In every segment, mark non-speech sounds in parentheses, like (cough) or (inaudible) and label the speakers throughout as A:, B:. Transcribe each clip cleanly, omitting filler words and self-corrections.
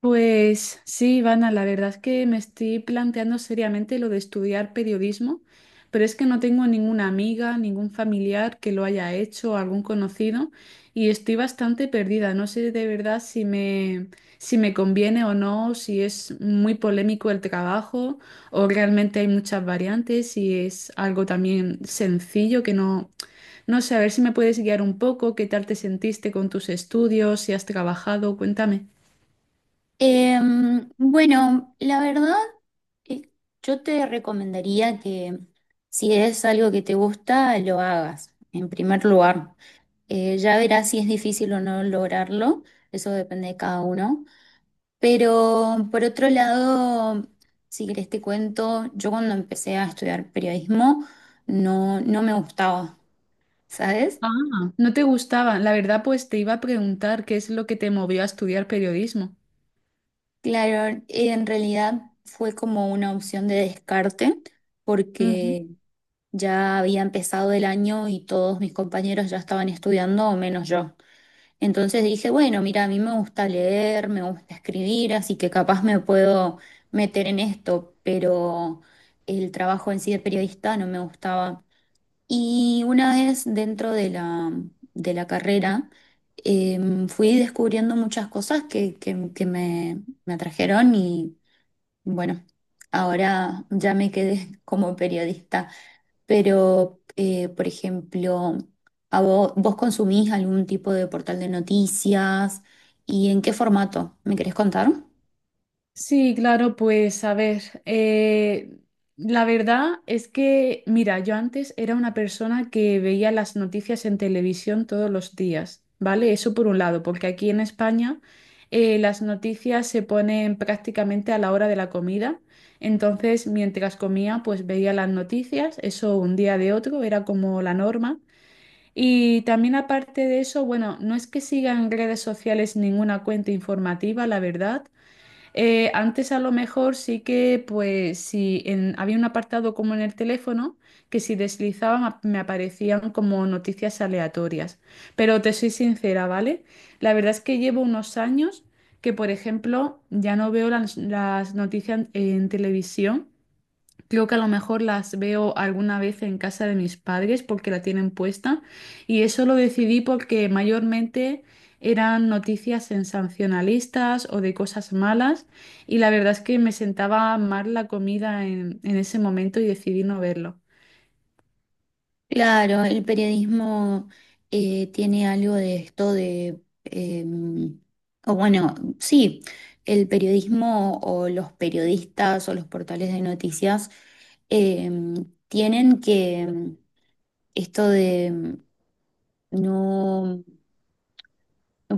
A: Pues sí, Ivana, la verdad es que me estoy planteando seriamente lo de estudiar periodismo, pero es que no tengo ninguna amiga, ningún familiar que lo haya hecho, algún conocido, y estoy bastante perdida. No sé de verdad si me conviene o no, si es muy polémico el trabajo o realmente hay muchas variantes, si es algo también sencillo que no... No sé, a ver si me puedes guiar un poco, qué tal te sentiste con tus estudios, si has trabajado, cuéntame.
B: La verdad, eh, yo te recomendaría que si es algo que te gusta, lo hagas, en primer lugar. Ya verás si es difícil o no lograrlo, eso depende de cada uno. Pero por otro lado, si querés te cuento, yo cuando empecé a estudiar periodismo no me gustaba, ¿sabes?
A: Ah, no te gustaba. La verdad, pues te iba a preguntar qué es lo que te movió a estudiar periodismo.
B: Claro, en realidad fue como una opción de descarte
A: Ujú.
B: porque... Ya había empezado el año y todos mis compañeros ya estaban estudiando, o menos yo. Entonces dije, bueno, mira, a mí me gusta leer, me gusta escribir, así que capaz me puedo meter en esto, pero el trabajo en sí de periodista no me gustaba. Y una vez dentro de la carrera, fui descubriendo muchas cosas que me atrajeron y bueno, ahora ya me quedé (laughs) como periodista. Pero, por ejemplo, ¿ vos, ¿consumís algún tipo de portal de noticias? ¿Y en qué formato? ¿Me querés contar?
A: Sí, claro, pues a ver, la verdad es que, mira, yo antes era una persona que veía las noticias en televisión todos los días, ¿vale? Eso por un lado, porque aquí en España las noticias se ponen prácticamente a la hora de la comida. Entonces, mientras comía, pues veía las noticias, eso un día de otro, era como la norma. Y también aparte de eso, bueno, no es que siga en redes sociales ninguna cuenta informativa, la verdad. Antes a lo mejor sí que, pues, si en- había un apartado como en el teléfono, que si me aparecían como noticias aleatorias. Pero te soy sincera, ¿vale? La verdad es que llevo unos años que, por ejemplo, ya no veo las noticias en televisión. Creo que a lo mejor las veo alguna vez en casa de mis padres porque la tienen puesta y eso lo decidí porque mayormente eran noticias sensacionalistas o de cosas malas y la verdad es que me sentaba mal la comida en ese momento y decidí no verlo.
B: Claro, el periodismo tiene algo de esto de, o bueno, sí, el periodismo o los periodistas o los portales de noticias em, tienen que esto de no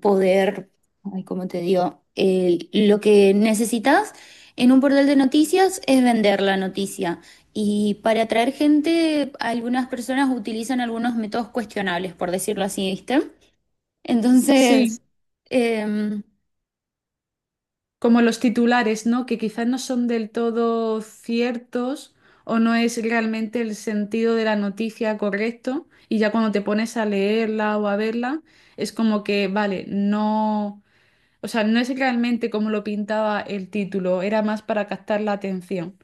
B: poder, ay, ¿cómo te digo? Lo que necesitas en un portal de noticias es vender la noticia. Y para atraer gente, algunas personas utilizan algunos métodos cuestionables, por decirlo así, ¿viste?
A: Sí.
B: Entonces, em,
A: Como los titulares, ¿no? Que quizás no son del todo ciertos o no es realmente el sentido de la noticia correcto. Y ya cuando te pones a leerla o a verla, es como que, vale, no, o sea, no es realmente como lo pintaba el título, era más para captar la atención.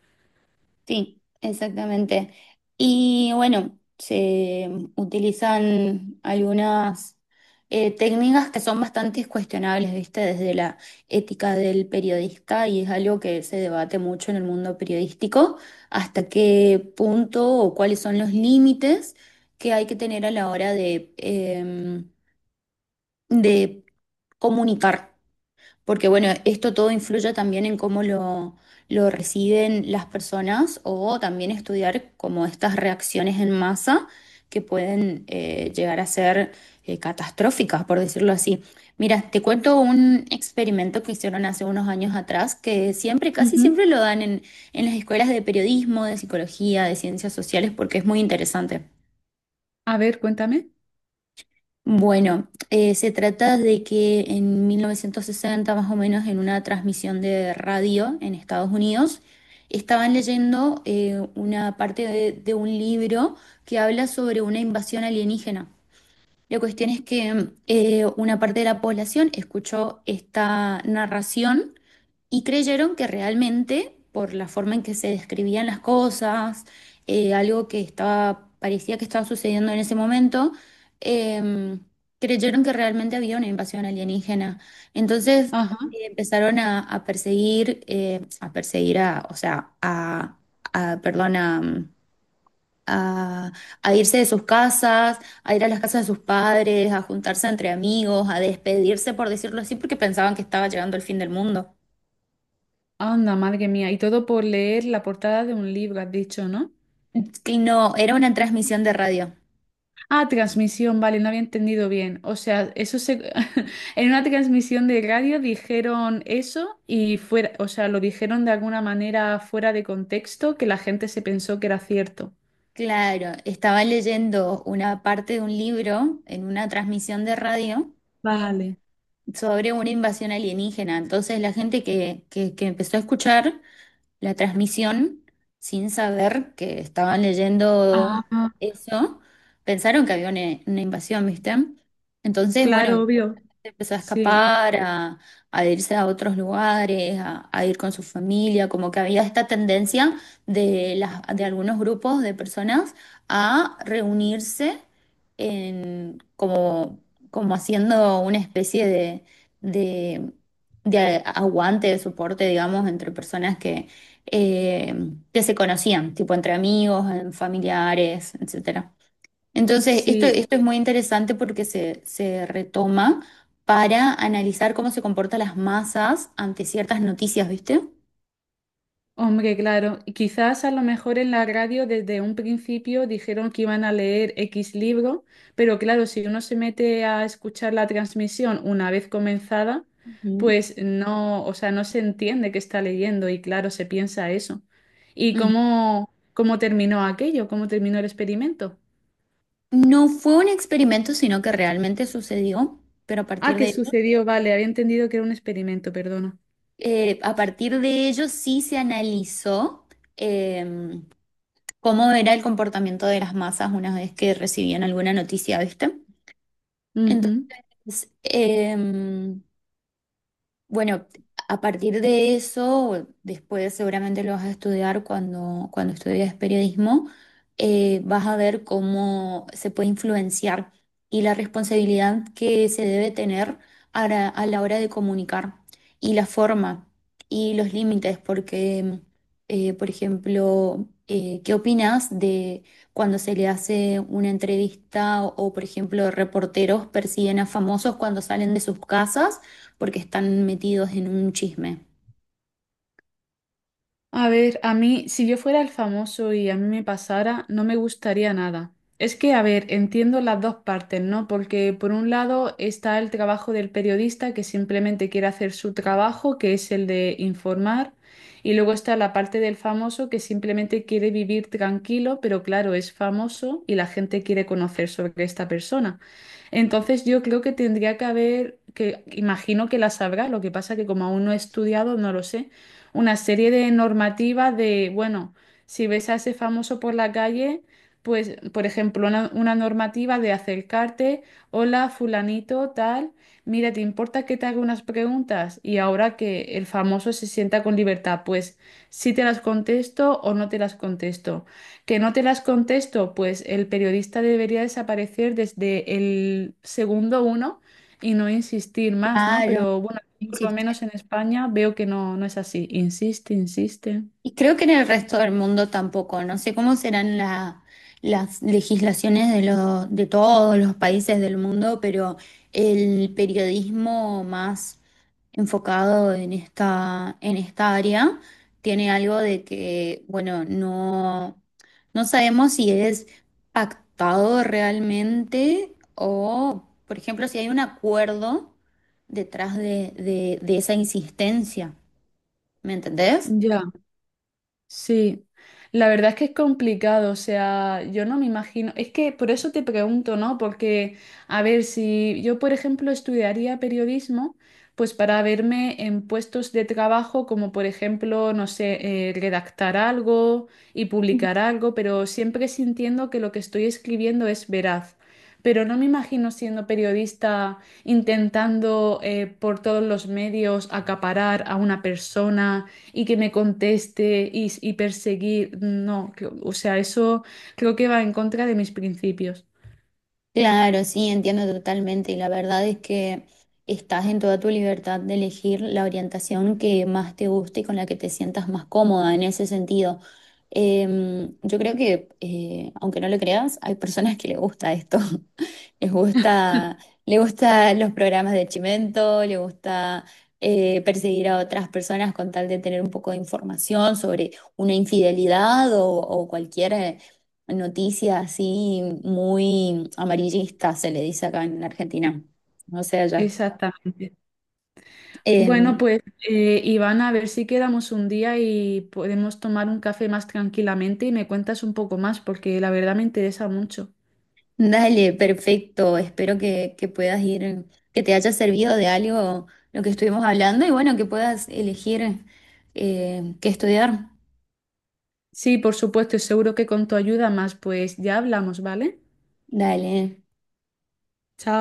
B: Sí, exactamente. Y bueno, se utilizan algunas técnicas que son bastante cuestionables, ¿viste? Desde la ética del periodista, y es algo que se debate mucho en el mundo periodístico, hasta qué punto o cuáles son los límites que hay que tener a la hora de, de comunicar, porque bueno, esto todo influye también en cómo lo reciben las personas, o también estudiar como estas reacciones en masa que pueden llegar a ser catastróficas, por decirlo así. Mira, te cuento un experimento que hicieron hace unos años atrás, que siempre, casi
A: Ujú.
B: siempre lo dan en las escuelas de periodismo, de psicología, de ciencias sociales, porque es muy interesante.
A: A ver, cuéntame.
B: Bueno, se trata de que en 1960, más o menos, en una transmisión de radio en Estados Unidos, estaban leyendo una parte de un libro que habla sobre una invasión alienígena. La cuestión es que una parte de la población escuchó esta narración y creyeron que realmente, por la forma en que se describían las cosas, algo que estaba, parecía que estaba sucediendo en ese momento, em, creyeron que realmente había una invasión alienígena. Entonces,
A: Ajá,
B: empezaron a perseguir, o sea, a perdón, a... A, a irse de sus casas, a ir a las casas de sus padres, a juntarse entre amigos, a despedirse, por decirlo así, porque pensaban que estaba llegando el fin del mundo.
A: anda, madre mía. Y todo por leer la portada de un libro, has dicho, ¿no?
B: Que no, era una transmisión de radio.
A: Ah, transmisión, vale, no había entendido bien. O sea, eso se... (laughs) en una transmisión de radio dijeron eso y fuera, o sea, lo dijeron de alguna manera fuera de contexto que la gente se pensó que era cierto.
B: Claro, estaba leyendo una parte de un libro en una transmisión de radio
A: Vale.
B: sobre una invasión alienígena. Entonces la gente que empezó a escuchar la transmisión sin saber que estaban
A: Ah,
B: leyendo
A: ah,
B: eso, pensaron que había una invasión, ¿viste? Entonces,
A: claro,
B: bueno,
A: obvio.
B: empezó a
A: Sí,
B: escapar, a irse a otros lugares, a ir con su familia, como que había esta tendencia de algunos grupos de personas a reunirse en, como, como haciendo una especie de, de aguante, de soporte, digamos, entre personas que se conocían, tipo entre amigos, en familiares, etcétera. Entonces,
A: sí.
B: esto es muy interesante porque se retoma para analizar cómo se comportan las masas ante ciertas noticias, ¿viste?
A: Hombre, claro, y quizás a lo mejor en la radio desde un principio dijeron que iban a leer X libro, pero claro, si uno se mete a escuchar la transmisión una vez comenzada,
B: Ujú.
A: pues no, o sea, no se entiende qué está leyendo y claro, se piensa eso. ¿Y
B: Ujú.
A: cómo terminó aquello? ¿Cómo terminó el experimento?
B: No fue un experimento, sino que realmente sucedió, pero a
A: Ah,
B: partir
A: que
B: de ello,
A: sucedió, vale, había entendido que era un experimento, perdona.
B: a partir de ello sí se analizó eh, cómo era el comportamiento de las masas una vez que recibían alguna noticia, ¿viste?
A: Ujú.
B: Entonces, eh, Bueno, a partir de eso, después seguramente lo vas a estudiar cuando, cuando estudias periodismo. Vas a ver cómo se puede influenciar, y la responsabilidad que se debe tener a a la hora de comunicar, y la forma y los límites, porque, ¿qué opinas de cuando se le hace una entrevista o, por ejemplo, reporteros persiguen a famosos cuando salen de sus casas, porque están metidos en un chisme?
A: A ver, a mí, si yo fuera el famoso y a mí me pasara, no me gustaría nada. Es que, a ver, entiendo las dos partes, ¿no? Porque por un lado está el trabajo del periodista que simplemente quiere hacer su trabajo, que es el de informar, y luego está la parte del famoso que simplemente quiere vivir tranquilo, pero claro, es famoso y la gente quiere conocer sobre esta persona. Entonces yo creo que tendría que haber, que imagino que la sabrá, lo que pasa que como aún no he estudiado, no lo sé, una serie de normativas de, bueno, si ves a ese famoso por la calle, pues, por ejemplo, una normativa de acercarte, hola, fulanito, tal, mira, ¿te importa que te haga unas preguntas? Y ahora que el famoso se sienta con libertad, pues si te las contesto o no te las contesto. Que no te las contesto, pues el periodista debería desaparecer desde el segundo uno y no insistir más, ¿no?
B: Claro,
A: Pero bueno. Por lo
B: insiste.
A: menos en España veo que no, no es así. Insiste, insiste.
B: Y creo que en el resto del mundo tampoco. No sé cómo serán las legislaciones de todos los países del mundo, pero el periodismo más enfocado en esta área tiene algo de que, bueno, no, no sabemos si es pactado realmente o, por ejemplo, si hay un acuerdo detrás de, de esa insistencia. ¿Me entendés?
A: Ya. Sí, la verdad es que es complicado, o sea, yo no me imagino, es que por eso te pregunto, ¿no? Porque, a ver, si yo, por ejemplo, estudiaría periodismo, pues para verme en puestos de trabajo como, por ejemplo, no sé, redactar algo y publicar algo, pero siempre sintiendo que lo que estoy escribiendo es veraz. Pero no me imagino siendo periodista intentando por todos los medios acaparar a una persona y que me conteste y perseguir. No, o sea, eso creo que va en contra de mis principios.
B: Claro, sí, entiendo totalmente. Y la verdad es que estás en toda tu libertad de elegir la orientación que más te guste y con la que te sientas más cómoda en ese sentido. Yo creo que, aunque no lo creas, hay personas que le gusta esto. (laughs) Les gusta, le gusta los programas de Chimento, le gusta perseguir a otras personas con tal de tener un poco de información sobre una infidelidad o cualquier noticia así muy amarillista, se le dice acá en Argentina. O sea, ya.
A: Exactamente. Bueno,
B: Em,
A: pues Iván, a ver si quedamos un día y podemos tomar un café más tranquilamente y me cuentas un poco más, porque la verdad me interesa mucho.
B: Dale, perfecto. Espero que puedas ir, que te haya servido de algo lo que estuvimos hablando y bueno, que puedas elegir qué estudiar.
A: Sí, por supuesto, y seguro que con tu ayuda más, pues ya hablamos, ¿vale?
B: Dale.
A: Chao.